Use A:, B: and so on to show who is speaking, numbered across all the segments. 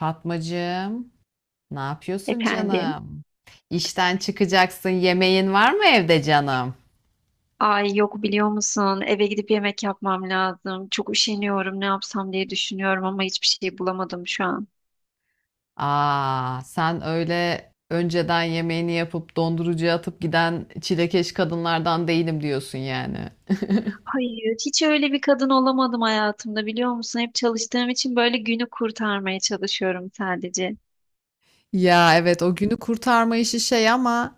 A: Fatmacığım, ne yapıyorsun
B: Efendim.
A: canım? İşten çıkacaksın, yemeğin var mı evde canım?
B: Ay yok biliyor musun? Eve gidip yemek yapmam lazım. Çok üşeniyorum. Ne yapsam diye düşünüyorum ama hiçbir şey bulamadım şu an.
A: Aa, sen öyle önceden yemeğini yapıp dondurucuya atıp giden çilekeş kadınlardan değilim diyorsun yani.
B: Hayır, hiç öyle bir kadın olamadım hayatımda biliyor musun? Hep çalıştığım için böyle günü kurtarmaya çalışıyorum sadece.
A: Ya evet o günü kurtarma işi şey ama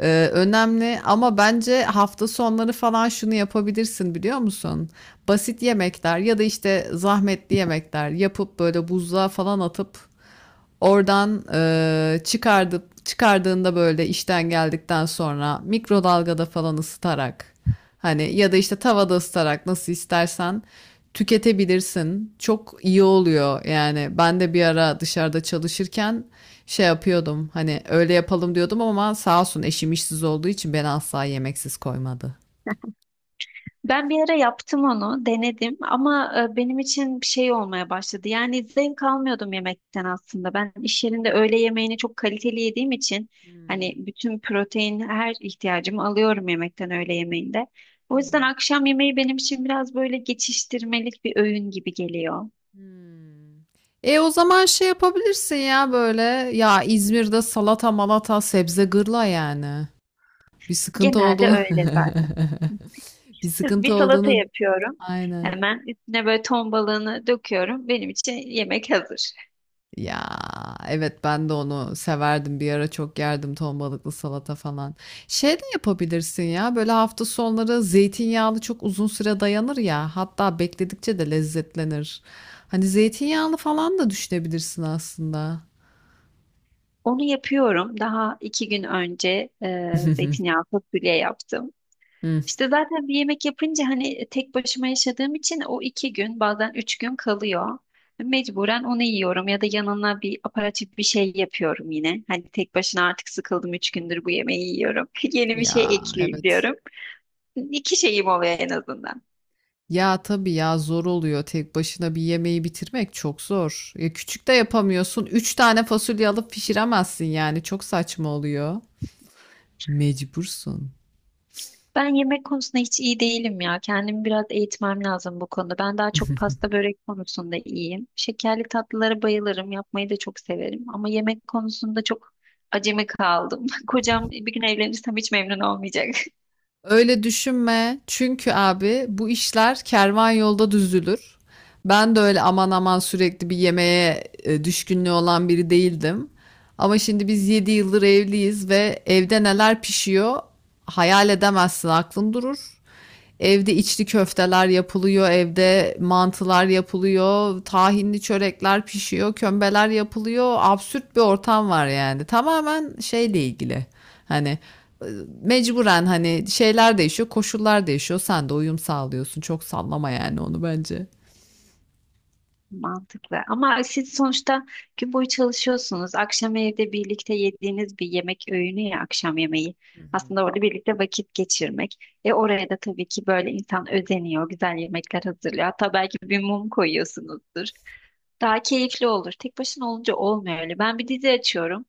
A: önemli ama bence hafta sonları falan şunu yapabilirsin biliyor musun? Basit yemekler ya da işte zahmetli yemekler yapıp böyle buzluğa falan atıp oradan çıkardıp çıkardığında böyle işten geldikten sonra mikrodalgada falan ısıtarak. Hani ya da işte tavada ısıtarak nasıl istersen tüketebilirsin. Çok iyi oluyor yani. Ben de bir ara dışarıda çalışırken şey yapıyordum. Hani öyle yapalım diyordum ama sağ olsun eşim işsiz olduğu için beni asla yemeksiz koymadı.
B: Ben bir ara yaptım onu, denedim ama benim için bir şey olmaya başladı. Yani zevk almıyordum yemekten aslında. Ben iş yerinde öğle yemeğini çok kaliteli yediğim için hani
A: Hmm,
B: bütün protein her ihtiyacımı alıyorum yemekten öğle yemeğinde. O
A: hı
B: yüzden
A: hı,
B: akşam yemeği benim için biraz böyle geçiştirmelik bir öğün gibi geliyor.
A: hmm. E o zaman şey yapabilirsin ya böyle ya İzmir'de salata malata sebze gırla yani. Bir sıkıntı
B: Genelde
A: olduğunu
B: öyle zaten.
A: bir
B: Sırf
A: sıkıntı
B: bir salata
A: olduğunu
B: yapıyorum.
A: aynen.
B: Hemen üstüne böyle ton balığını döküyorum. Benim için yemek hazır.
A: Ya evet ben de onu severdim bir ara çok yerdim ton balıklı salata falan. Şey de yapabilirsin ya böyle hafta sonları zeytinyağlı çok uzun süre dayanır ya hatta bekledikçe de lezzetlenir. Hani zeytinyağlı falan da düşünebilirsin aslında.
B: Onu yapıyorum. Daha iki gün önce zeytinyağlı fasulye yaptım.
A: Hı.
B: İşte zaten bir yemek yapınca hani tek başıma yaşadığım için o iki gün bazen üç gün kalıyor. Mecburen onu yiyorum ya da yanına bir aparatif bir şey yapıyorum yine. Hani tek başına artık sıkıldım üç gündür bu yemeği yiyorum. Yeni bir şey
A: Ya
B: ekleyeyim
A: evet.
B: diyorum. İki şeyim oluyor en azından.
A: Ya tabii ya zor oluyor tek başına bir yemeği bitirmek çok zor. Ya küçük de yapamıyorsun. Üç tane fasulye alıp pişiremezsin yani çok saçma oluyor. Mecbursun.
B: Ben yemek konusunda hiç iyi değilim ya. Kendimi biraz eğitmem lazım bu konuda. Ben daha çok pasta börek konusunda iyiyim. Şekerli tatlılara bayılırım. Yapmayı da çok severim. Ama yemek konusunda çok acemi kaldım. Kocam bir gün evlenirsem hiç memnun olmayacak.
A: Öyle düşünme. Çünkü abi bu işler kervan yolda düzülür. Ben de öyle aman aman sürekli bir yemeğe düşkünlüğü olan biri değildim. Ama şimdi biz 7 yıldır evliyiz ve evde neler pişiyor hayal edemezsin, aklın durur. Evde içli köfteler yapılıyor, evde mantılar yapılıyor, tahinli çörekler pişiyor, kömbeler yapılıyor. Absürt bir ortam var yani. Tamamen şeyle ilgili. Hani e, mecburen hani şeyler değişiyor, koşullar değişiyor. Sen de uyum sağlıyorsun. Çok sallama yani onu bence.
B: Mantıklı. Ama siz sonuçta gün boyu çalışıyorsunuz. Akşam evde birlikte yediğiniz bir yemek öğünü ya akşam yemeği.
A: Hı hı.
B: Aslında orada birlikte vakit geçirmek. E oraya da tabii ki böyle insan özeniyor, güzel yemekler hazırlıyor. Hatta belki bir mum koyuyorsunuzdur. Daha keyifli olur. Tek başına olunca olmuyor öyle. Ben bir dizi açıyorum.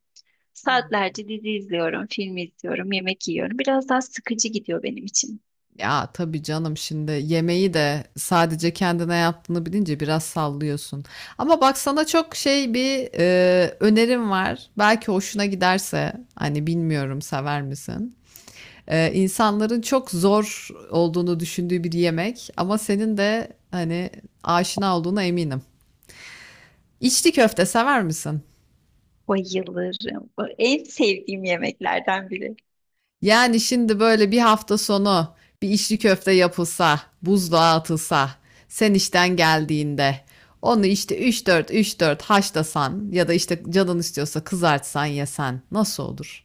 A: Hı hı.
B: Saatlerce dizi izliyorum, film izliyorum, yemek yiyorum. Biraz daha sıkıcı gidiyor benim için.
A: Ya tabii canım şimdi yemeği de sadece kendine yaptığını bilince biraz sallıyorsun. Ama bak sana çok şey bir önerim var. Belki hoşuna giderse hani bilmiyorum sever misin? İnsanların çok zor olduğunu düşündüğü bir yemek ama senin de hani aşina olduğuna eminim. İçli köfte sever misin?
B: Bayılırım. En sevdiğim yemeklerden biri.
A: Yani şimdi böyle bir hafta sonu bir içli köfte yapılsa, buzluğa atılsa, sen işten geldiğinde onu işte üç dört haşlasan ya da işte canın istiyorsa kızartsan yesen nasıl olur?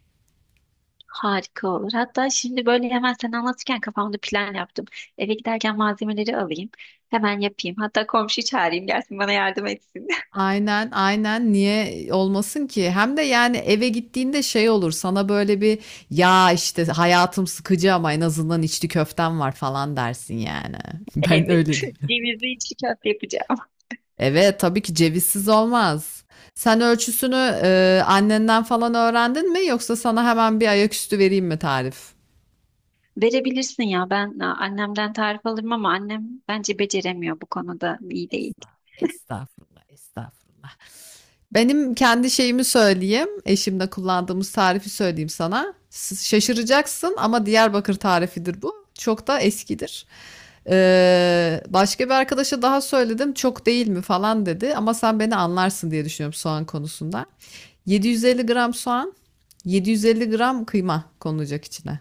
B: Harika olur. Hatta şimdi böyle hemen sen anlatırken kafamda plan yaptım. Eve giderken malzemeleri alayım. Hemen yapayım. Hatta komşuyu çağırayım gelsin bana yardım etsin.
A: Aynen, niye olmasın ki? Hem de yani eve gittiğinde şey olur sana böyle bir ya işte hayatım sıkıcı ama en azından içli köftem var falan dersin yani. Ben
B: Evet.
A: öyle diyeyim.
B: Cevizli içli köfte yapacağım.
A: Evet, tabii ki cevizsiz olmaz. Sen ölçüsünü, annenden falan öğrendin mi yoksa sana hemen bir ayaküstü vereyim mi tarif?
B: Verebilirsin ya. Ben annemden tarif alırım ama annem bence beceremiyor bu konuda. İyi değil.
A: Estağfurullah, estağfurullah. Benim kendi şeyimi söyleyeyim. Eşimle kullandığımız tarifi söyleyeyim sana. Şaşıracaksın ama Diyarbakır tarifidir bu. Çok da eskidir. Başka bir arkadaşa daha söyledim. Çok değil mi falan dedi. Ama sen beni anlarsın diye düşünüyorum soğan konusunda. 750 gram soğan, 750 gram kıyma konulacak içine.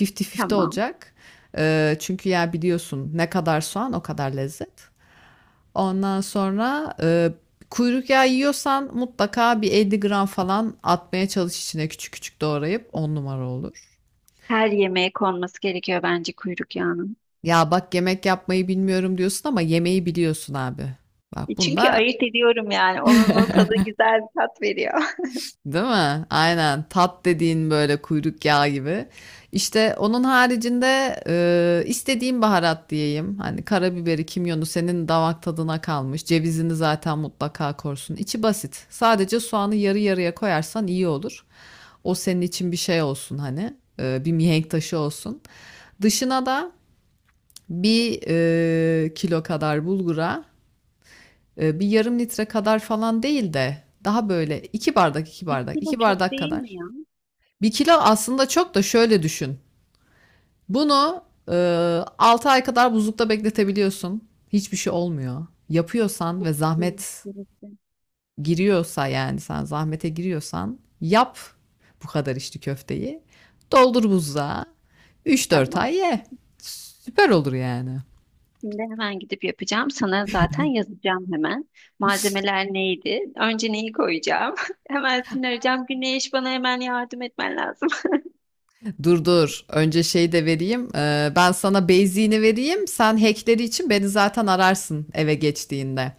A: 50-50
B: Tamam.
A: olacak. Çünkü ya biliyorsun ne kadar soğan o kadar lezzet. Ondan sonra kuyruk yağı yiyorsan mutlaka bir 50 gram falan atmaya çalış içine küçük küçük doğrayıp 10 numara olur.
B: Her yemeğe konması gerekiyor bence kuyruk yağının.
A: Ya bak yemek yapmayı bilmiyorum diyorsun ama yemeği biliyorsun abi. Bak
B: Çünkü
A: bunda
B: ayırt ediyorum yani. Onun o tadı güzel bir tat veriyor.
A: değil mi? Aynen tat dediğin böyle kuyruk yağı gibi. İşte onun haricinde istediğim baharat diyeyim. Hani karabiberi, kimyonu senin damak tadına kalmış. Cevizini zaten mutlaka korsun. İçi basit. Sadece soğanı yarı yarıya koyarsan iyi olur. O senin için bir şey olsun hani. Bir mihenk taşı olsun. Dışına da bir kilo kadar bulgura bir yarım litre kadar falan değil de daha böyle iki bardak iki
B: Bir
A: bardak
B: kilo
A: iki
B: çok
A: bardak
B: değil
A: kadar.
B: mi ya?
A: Bir kilo aslında çok da şöyle düşün. Bunu 6 ay kadar buzlukta bekletebiliyorsun. Hiçbir şey olmuyor. Yapıyorsan ve
B: Hı,
A: zahmet
B: birlikte.
A: giriyorsa yani sen zahmete giriyorsan yap bu kadar içli köfteyi. Doldur buzluğa. Üç dört
B: Tamam.
A: ay ye. Süper olur yani.
B: Şimdi hemen gidip yapacağım. Sana zaten yazacağım hemen. Malzemeler neydi? Önce neyi koyacağım? Hemen seni arayacağım. Güneş bana hemen yardım etmen lazım.
A: Dur dur. Önce şey de vereyim. Ben sana beyziğini vereyim. Sen hackleri için beni zaten ararsın eve geçtiğinde.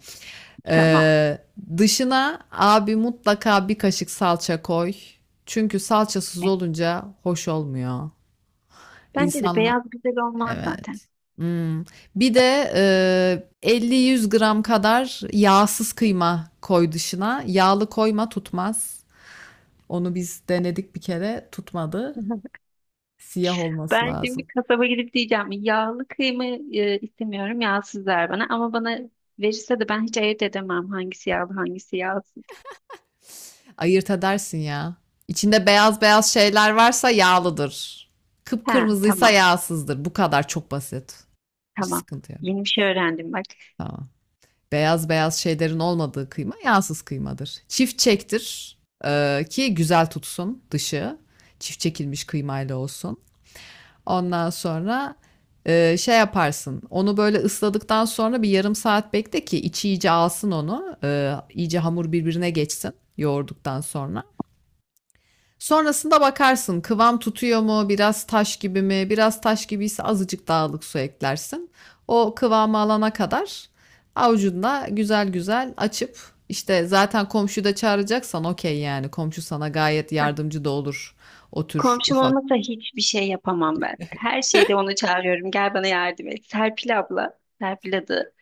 B: Tamam.
A: Ee, Dışına abi mutlaka bir kaşık salça koy. Çünkü salçasız
B: Evet.
A: olunca hoş olmuyor.
B: Bence de
A: İnsanlar
B: beyaz güzel olmaz zaten.
A: evet. Imm, Bir de, 50-100 gram kadar yağsız kıyma koy dışına. Yağlı koyma, tutmaz. Onu biz denedik bir kere, tutmadı. Siyah olması
B: Ben şimdi
A: lazım.
B: kasaba gidip diyeceğim yağlı kıyma istemiyorum yağsız ver bana ama bana verirse de ben hiç ayırt edemem hangisi yağlı hangisi yağsız.
A: Ayırt edersin ya. İçinde beyaz beyaz şeyler varsa yağlıdır.
B: He,
A: Kıpkırmızıysa
B: tamam,
A: yağsızdır. Bu kadar, çok basit. Hiç
B: tamam,
A: sıkıntı yok.
B: yeni bir şey öğrendim bak.
A: Tamam. Beyaz beyaz şeylerin olmadığı kıyma yağsız kıymadır. Çift çektir ki güzel tutsun dışı. Çift çekilmiş kıymayla olsun. Ondan sonra şey yaparsın. Onu böyle ısladıktan sonra bir yarım saat bekle ki içi iyice alsın onu. E, iyice hamur birbirine geçsin yoğurduktan sonra. Sonrasında bakarsın kıvam tutuyor mu, biraz taş gibi mi? Biraz taş gibiyse azıcık dağlık su eklersin. O kıvamı alana kadar avucunda güzel güzel açıp işte zaten komşuyu da çağıracaksan okey yani komşu sana gayet yardımcı da olur o tür
B: Komşum
A: ufak.
B: olmasa hiçbir şey yapamam ben. Her şeyde onu çağırıyorum. Gel bana yardım et. Serpil abla, Serpil adı.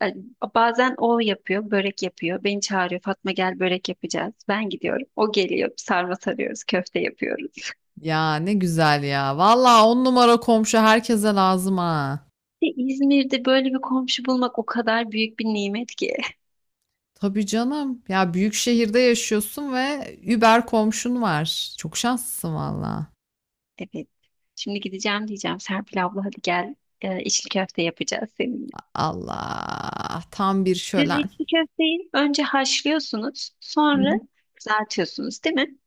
B: Yani bazen o yapıyor, börek yapıyor. Beni çağırıyor. Fatma gel börek yapacağız. Ben gidiyorum. O geliyor. Sarma sarıyoruz, köfte yapıyoruz.
A: Ya ne güzel ya. Valla on numara komşu herkese lazım ha.
B: İşte İzmir'de böyle bir komşu bulmak o kadar büyük bir nimet ki.
A: Tabii canım. Ya büyük şehirde yaşıyorsun ve über komşun var. Çok şanslısın valla.
B: Evet. Şimdi gideceğim diyeceğim. Serpil abla hadi gel. İçli köfte yapacağız seninle.
A: Allah, tam bir
B: Siz
A: şölen.
B: içli köfteyi önce haşlıyorsunuz,
A: Hı hı.
B: sonra kızartıyorsunuz, değil mi?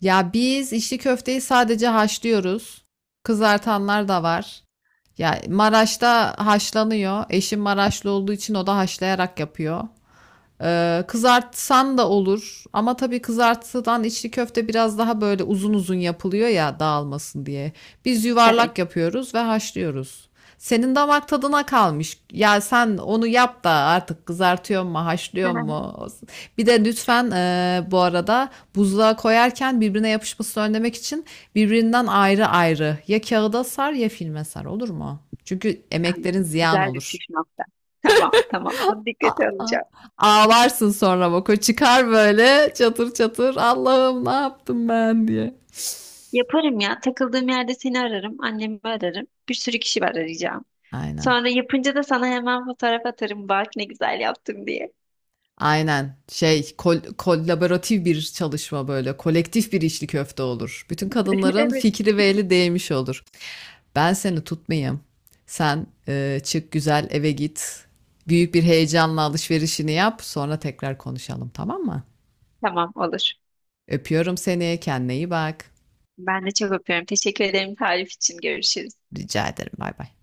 A: Ya biz içli köfteyi sadece haşlıyoruz. Kızartanlar da var. Ya Maraş'ta haşlanıyor. Eşim Maraşlı olduğu için o da haşlayarak yapıyor. Kızartsan da olur ama tabii kızartıdan içli köfte biraz daha böyle uzun uzun yapılıyor ya dağılmasın diye. Biz
B: Evet.
A: yuvarlak yapıyoruz ve haşlıyoruz. Senin damak tadına kalmış. Ya sen onu yap da artık kızartıyor mu, haşlıyor mu? Bir de lütfen bu arada buzluğa koyarken birbirine yapışmasını önlemek için birbirinden ayrı ayrı ya kağıda sar ya filme sar olur mu? Çünkü emeklerin ziyan
B: Güzel bir
A: olur.
B: püf nokta. Tamam, tamam. Bunu dikkate
A: Aa,
B: alacağım.
A: ağlarsın sonra bak o çıkar böyle çatır çatır Allah'ım ne yaptım ben diye.
B: Yaparım ya. Takıldığım yerde seni ararım. Annemi ararım. Bir sürü kişi var arayacağım.
A: Aynen.
B: Sonra yapınca da sana hemen fotoğraf atarım. Bak ne güzel yaptım diye.
A: Aynen. Şey kolaboratif bir çalışma böyle. Kolektif bir içli köfte olur. Bütün kadınların
B: Evet.
A: fikri ve eli değmiş olur. Ben seni tutmayayım. Sen çık güzel eve git. Büyük bir heyecanla alışverişini yap. Sonra tekrar konuşalım tamam mı?
B: Tamam olur.
A: Öpüyorum seni. Kendine iyi bak.
B: Ben de çok öpüyorum. Teşekkür ederim tarif için. Görüşürüz.
A: Rica ederim. Bay bay.